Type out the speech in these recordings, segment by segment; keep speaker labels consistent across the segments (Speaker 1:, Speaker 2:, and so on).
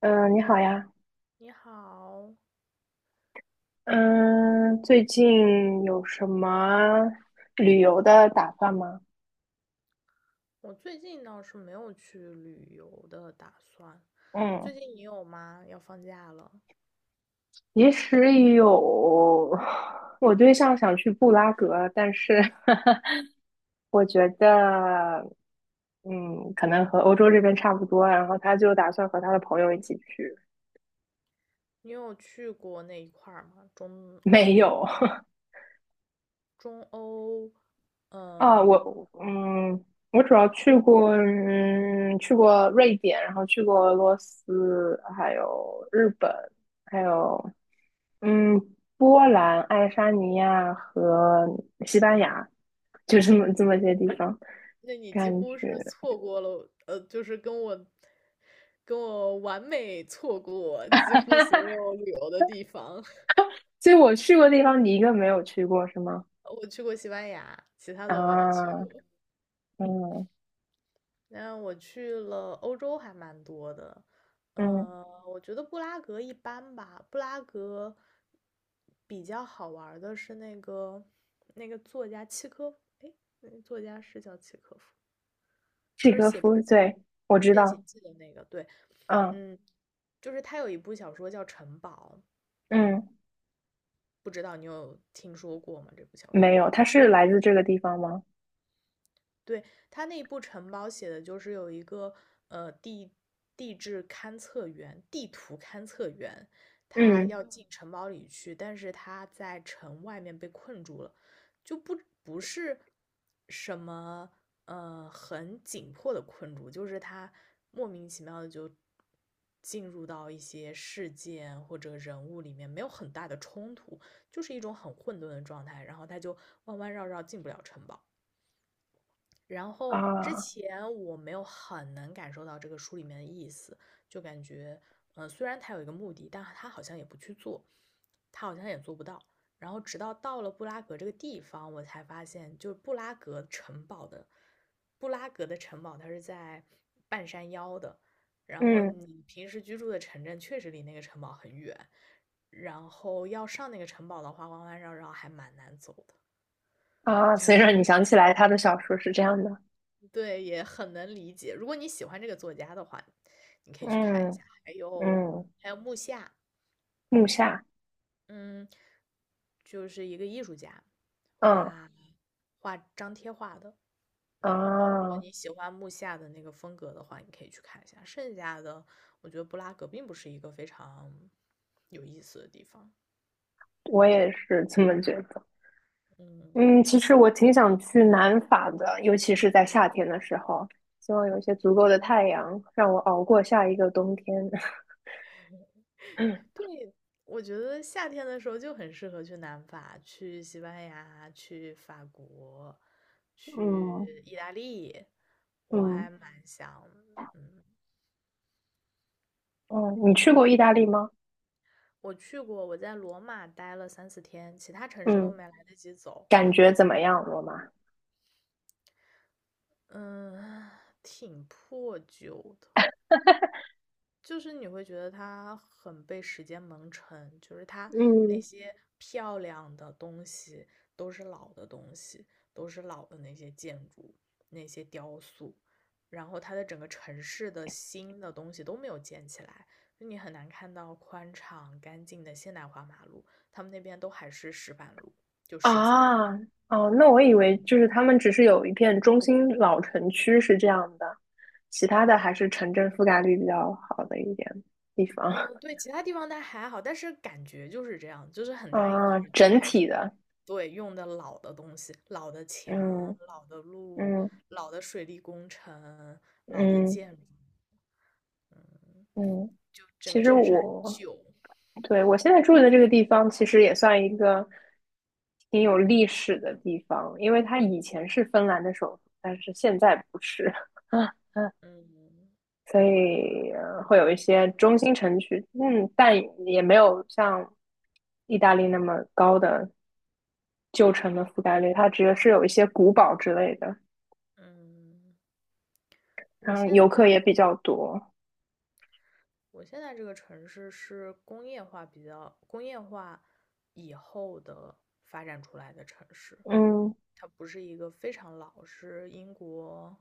Speaker 1: 嗯，你好呀。
Speaker 2: 你好，
Speaker 1: 嗯，最近有什么旅游的打算吗？
Speaker 2: 我最近倒是没有去旅游的打算。
Speaker 1: 嗯，
Speaker 2: 最近你有吗？要放假了，
Speaker 1: 其实有，我对象想去布拉格，但是 我觉得，可能和欧洲这边差不多啊，然后他就打算和他的朋友一起去。
Speaker 2: 你有去过那一块儿吗？中欧
Speaker 1: 没
Speaker 2: 那一块
Speaker 1: 有，
Speaker 2: 儿 中欧，
Speaker 1: 啊，
Speaker 2: 嗯，
Speaker 1: 我我主要去过去过瑞典，然后去过俄罗斯，还有日本，还有嗯，波兰、爱沙尼亚和西班牙，就这么些地方，
Speaker 2: 那你几
Speaker 1: 感
Speaker 2: 乎
Speaker 1: 觉。
Speaker 2: 是错过了，就是跟我完美错过几乎所有 旅游的地方。
Speaker 1: 所以我去过的地方，你一个没有去过是吗？
Speaker 2: 我去过西班牙，其他都没有去
Speaker 1: 啊，
Speaker 2: 过。
Speaker 1: 嗯
Speaker 2: 那我去了欧洲还蛮多的，
Speaker 1: 嗯，
Speaker 2: 我觉得布拉格一般吧。布拉格比较好玩儿的是那个作家契科，哎，那个作家是叫契科夫，
Speaker 1: 契
Speaker 2: 就是
Speaker 1: 诃
Speaker 2: 写
Speaker 1: 夫，对，我知
Speaker 2: 变形
Speaker 1: 道，
Speaker 2: 记的那个，对。
Speaker 1: 嗯
Speaker 2: 嗯，就是他有一部小说叫《城堡》，
Speaker 1: 嗯，
Speaker 2: 不知道你有听说过吗？这部小
Speaker 1: 没
Speaker 2: 说？
Speaker 1: 有，他是来自这个地方吗？
Speaker 2: 对，他那部城堡写的就是有一个呃地地质勘测员、地图勘测员，他
Speaker 1: 嗯。
Speaker 2: 要进城堡里去，但是他在城外面被困住了，就不是什么很紧迫的困住，就是他莫名其妙的就进入到一些事件或者人物里面，没有很大的冲突，就是一种很混沌的状态，然后他就弯弯绕绕进不了城堡。然后之
Speaker 1: 啊，
Speaker 2: 前我没有很能感受到这个书里面的意思，就感觉，虽然他有一个目的，但他好像也不去做，他好像也做不到。然后直到到了布拉格这个地方，我才发现，就是布拉格城堡的，布拉格的城堡它是在半山腰的，然后
Speaker 1: 嗯
Speaker 2: 你平时居住的城镇确实离那个城堡很远，然后要上那个城堡的话，弯弯绕绕还蛮难走的，
Speaker 1: 啊，
Speaker 2: 就
Speaker 1: 所以让你
Speaker 2: 是
Speaker 1: 想起来他的小说是这样的，
Speaker 2: 对，也很能理解。如果你喜欢这个作家的话，你可以去看一
Speaker 1: 嗯
Speaker 2: 下。还有
Speaker 1: 嗯，
Speaker 2: 还有木下，
Speaker 1: 木下，
Speaker 2: 嗯，就是一个艺术家，
Speaker 1: 嗯
Speaker 2: 画画张贴画的。如果
Speaker 1: 啊，
Speaker 2: 你喜欢木下的那个风格的话，你可以去看一下。剩下的，我觉得布拉格并不是一个非常有意思的地方。
Speaker 1: 我也是这么觉得。
Speaker 2: 嗯，
Speaker 1: 嗯，其实我挺想去南法的，尤其是在夏天的时候，希望有一些足够的太阳，让我熬过下一个冬天。
Speaker 2: 对，我觉得夏天的时候就很适合去南法，去西班牙，去法国，
Speaker 1: 嗯
Speaker 2: 去意大利，我
Speaker 1: 嗯
Speaker 2: 还蛮想，嗯，
Speaker 1: 嗯，你去过意大利吗？
Speaker 2: 我去过，我在罗马待了三四天，其他城市都
Speaker 1: 嗯，
Speaker 2: 没来得及走。
Speaker 1: 感觉怎么样，罗马？
Speaker 2: 嗯，挺破旧的，就是你会觉得它很被时间蒙尘，就是它那些漂亮的东西都是老的东西，都是老的那些建筑、那些雕塑，然后它的整个城市的新的东西都没有建起来，就你很难看到宽敞干净的现代化马路，他们那边都还是石板路，就石子路。
Speaker 1: 啊，哦，那我以为就是他们只是有一片中心老城区是这样的，其他的还是城镇覆盖率比较好的一点地方
Speaker 2: 嗯，对，其他地方它还好，但是感觉就是这样，就是 很大一块
Speaker 1: 啊，
Speaker 2: 儿都
Speaker 1: 整
Speaker 2: 还是，
Speaker 1: 体的，
Speaker 2: 对，用的老的东西，老的墙、
Speaker 1: 嗯
Speaker 2: 老的路、
Speaker 1: 嗯
Speaker 2: 老的水利工程、老的
Speaker 1: 嗯
Speaker 2: 建筑。嗯，
Speaker 1: 嗯，
Speaker 2: 就整个
Speaker 1: 其实
Speaker 2: 城市很
Speaker 1: 我
Speaker 2: 旧。
Speaker 1: 对我现在住的这个地方，其实也算一个挺有历史的地方，因为它以前是芬兰的首都，但是现在不是。
Speaker 2: 嗯
Speaker 1: 所以会有一些中心城区，嗯，但也没有像意大利那么高的旧城的覆盖率，它只是有一些古堡之类的，
Speaker 2: 嗯，我
Speaker 1: 然后游
Speaker 2: 现
Speaker 1: 客也
Speaker 2: 在
Speaker 1: 比较多，
Speaker 2: 我现在这个城市是工业化比较工业化以后的发展出来的城市，
Speaker 1: 嗯
Speaker 2: 它不是一个非常老，是英国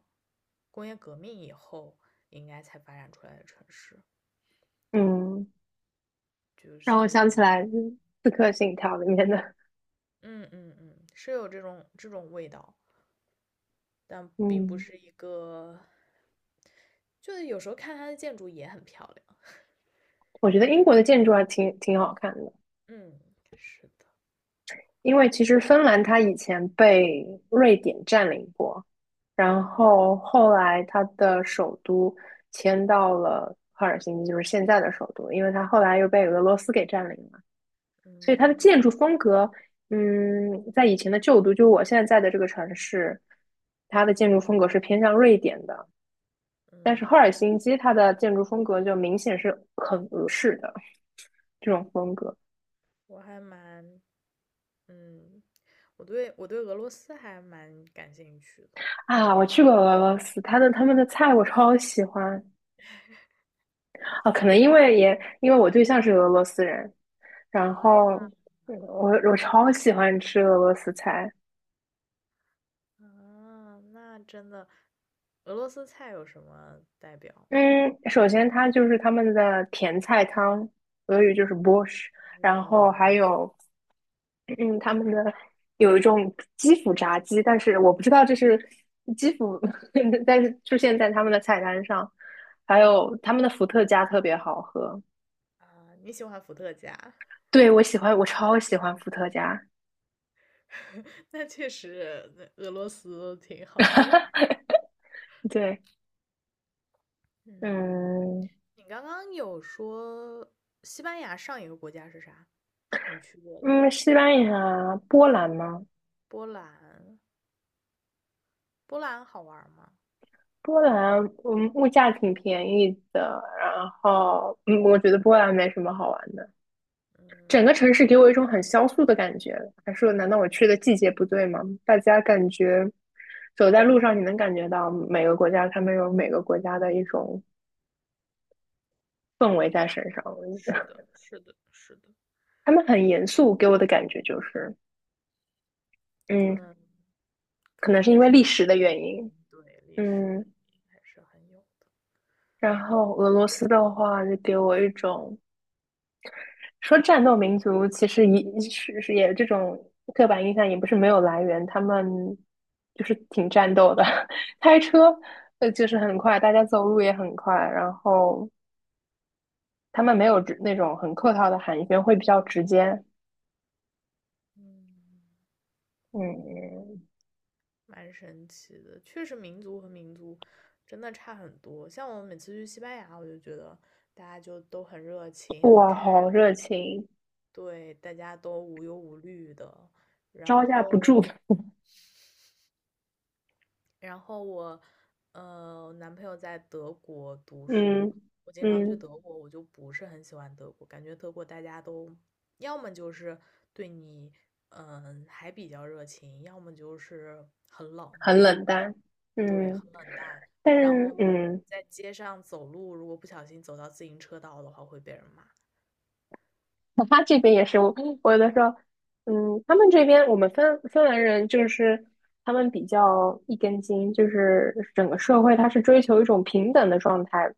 Speaker 2: 工业革命以后应该才发展出来的城市。
Speaker 1: 嗯，
Speaker 2: 就
Speaker 1: 让我想
Speaker 2: 是
Speaker 1: 起来《刺客信条》里面的，
Speaker 2: 嗯嗯嗯，是有这种味道，但并不
Speaker 1: 嗯，
Speaker 2: 是一个，就是有时候看它的建筑也很漂亮，
Speaker 1: 我觉得
Speaker 2: 就
Speaker 1: 英
Speaker 2: 是
Speaker 1: 国的建筑还挺好看的，
Speaker 2: 嗯，是的。
Speaker 1: 因为其实芬兰它以前被瑞典占领过，然
Speaker 2: 嗯
Speaker 1: 后后来它的首都迁到了赫尔辛基，就是现在的首都，因为它后来又被俄罗斯给占领了，所以它的
Speaker 2: 嗯
Speaker 1: 建筑风格，嗯，在以前的旧都，就我现在在的这个城市，它的建筑风格是偏向瑞典的，但是赫
Speaker 2: 嗯，
Speaker 1: 尔辛基它的建筑风格就明显是很俄式的这种风格。
Speaker 2: 我还蛮嗯，我对俄罗斯还蛮感兴趣的，有
Speaker 1: 啊。我
Speaker 2: 点
Speaker 1: 去过俄罗斯，它的他们的菜我超喜欢。啊，可能因为我对象是俄罗斯人，然后
Speaker 2: 啊。
Speaker 1: 我超喜欢吃俄罗斯菜。
Speaker 2: 啊，那真的，俄罗斯菜有什么代表
Speaker 1: 嗯，首先它就是他们的甜菜汤，俄语就是 BORSH。 然后
Speaker 2: 嗯
Speaker 1: 还
Speaker 2: 嗯
Speaker 1: 有嗯他们的有一种基辅炸鸡，但是我不知道这是基辅，但是出现在他们的菜单上，还
Speaker 2: 嗯
Speaker 1: 有他们的伏特加特别好喝。
Speaker 2: 啊，你喜欢伏特加。
Speaker 1: 对，我喜欢，我超喜欢伏特加。
Speaker 2: 那确实，那俄罗斯挺好的。
Speaker 1: 对。
Speaker 2: 嗯，
Speaker 1: 嗯
Speaker 2: 你刚刚有说西班牙上一个国家是啥？你去过的？
Speaker 1: 嗯，西班牙、波兰吗？
Speaker 2: 波兰，波兰好玩吗？
Speaker 1: 波兰，嗯，物价挺便宜的。然后，嗯，我觉得波兰没什么好玩的。整个城
Speaker 2: 嗯，
Speaker 1: 市给我一种很萧瑟的感觉。还说，难道我去的季节不对吗？大家感觉走在路上，你能感觉到每个国家他们有每个国家的一种氛围在身上。
Speaker 2: 是的，是的，是的，
Speaker 1: 他们很严肃，给我的感觉就是，
Speaker 2: 可
Speaker 1: 嗯，
Speaker 2: 能，
Speaker 1: 可能是因
Speaker 2: 也
Speaker 1: 为
Speaker 2: 是
Speaker 1: 历
Speaker 2: 历
Speaker 1: 史
Speaker 2: 史
Speaker 1: 的
Speaker 2: 原
Speaker 1: 原因，
Speaker 2: 因，对，历史原
Speaker 1: 嗯。
Speaker 2: 因还是很有的。
Speaker 1: 然后俄罗斯的话，就给我一种说战斗民族其实也是这种刻板印象也不是没有来源，他们就是挺战斗的，开车就是很快，大家走路也很快，然后他们没有那种很客套的寒暄，会比较直接。
Speaker 2: 嗯，
Speaker 1: 嗯，
Speaker 2: 蛮神奇的，确实民族和民族真的差很多。像我每次去西班牙，我就觉得大家就都很热情、很
Speaker 1: 哇，
Speaker 2: 开
Speaker 1: 好
Speaker 2: 朗，
Speaker 1: 热情，
Speaker 2: 对，大家都无忧无虑的。然
Speaker 1: 招架
Speaker 2: 后，
Speaker 1: 不住。
Speaker 2: 然后我，男朋友在德国读书，
Speaker 1: 嗯
Speaker 2: 我经常去
Speaker 1: 嗯，
Speaker 2: 德国，我就不是很喜欢德国，感觉德国大家都要么就是对你，嗯，还比较热情，要么就是很冷。
Speaker 1: 很冷淡。
Speaker 2: 对，
Speaker 1: 嗯，
Speaker 2: 很冷淡。
Speaker 1: 但
Speaker 2: 然
Speaker 1: 是
Speaker 2: 后
Speaker 1: 嗯。
Speaker 2: 在街上走路，如果不小心走到自行车道的话，会被人骂。
Speaker 1: 他这边也是，我有的时候，嗯，他们这边我们芬兰人就是他们比较一根筋，就是整个社会他是追求一种平等的状态，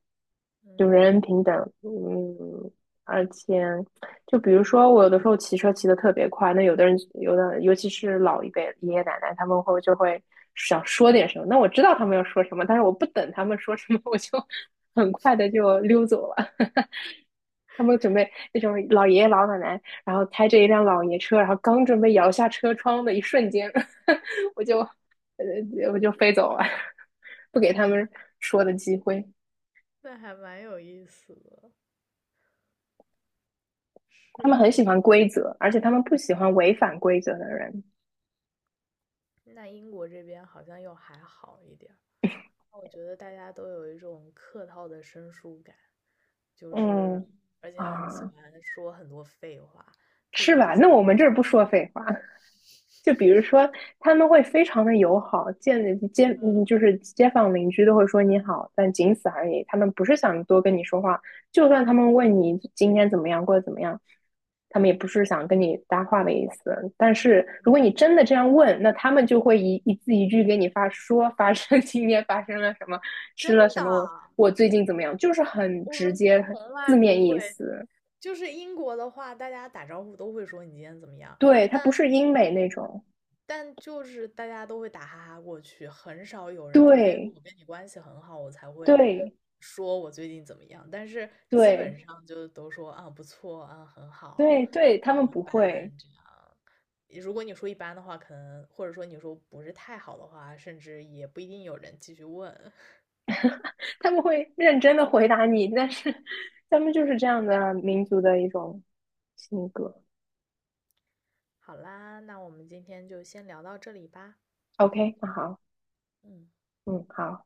Speaker 1: 就人
Speaker 2: 嗯，
Speaker 1: 人平等，嗯，而且就比如说我有的时候骑车骑得特别快，那有的尤其是老一辈爷爷奶奶他们会想说点什么，那我知道他们要说什么，但是我不等他们说什么，我就 很快的就溜走了。他们准备那种老爷爷老奶奶，然后开着一辆老爷车，然后刚准备摇下车窗的一瞬间，我就我就飞走了，不给他们说的机会。
Speaker 2: 那还蛮有意思的。
Speaker 1: 他们
Speaker 2: 是，
Speaker 1: 很
Speaker 2: 我
Speaker 1: 喜
Speaker 2: 觉得
Speaker 1: 欢规则，而且他们不喜欢违反规则的人。
Speaker 2: 那英国这边好像又还好一点儿。我觉得大家都有一种客套的生疏感，就是
Speaker 1: 嗯
Speaker 2: 而且很喜
Speaker 1: 啊，
Speaker 2: 欢说很多废话，特
Speaker 1: 是
Speaker 2: 别是
Speaker 1: 吧？那我
Speaker 2: 写
Speaker 1: 们这儿不说废话。就比如说，他们会非常的友好，就是街坊邻居都会说你好，但仅此而已。他们不是想多跟你说话，就算他们问你今天怎么样，过得怎么样，他们也不是想跟你搭话的意思。但是如果你真的这样问，那他们就会一字一句给你发生 今天发生了什么，
Speaker 2: 真
Speaker 1: 吃了什么，我
Speaker 2: 的，
Speaker 1: 我最近怎么样，就是很
Speaker 2: 我
Speaker 1: 直
Speaker 2: 们
Speaker 1: 接，很
Speaker 2: 从来
Speaker 1: 字
Speaker 2: 不
Speaker 1: 面意
Speaker 2: 会。
Speaker 1: 思。
Speaker 2: 就是英国的话，大家打招呼都会说你今天怎么样，
Speaker 1: 对，它不是英美那种。
Speaker 2: 但就是大家都会打哈哈过去，很少有人，除非
Speaker 1: 对
Speaker 2: 我跟你关系很好，我才会
Speaker 1: 对
Speaker 2: 说我最近怎么样。但是基
Speaker 1: 对。
Speaker 2: 本上就都说啊不错啊很好
Speaker 1: 对对，他
Speaker 2: 啊
Speaker 1: 们
Speaker 2: 一
Speaker 1: 不
Speaker 2: 般
Speaker 1: 会，
Speaker 2: 这样。如果你说一般的话，可能或者说你说不是太好的话，甚至也不一定有人继续问。
Speaker 1: 他们会认真的回答你，但是他们就是这样的民族的一种性格。
Speaker 2: 好啦，那我们今天就先聊到这里吧。
Speaker 1: OK,那好，
Speaker 2: 嗯。
Speaker 1: 嗯，好。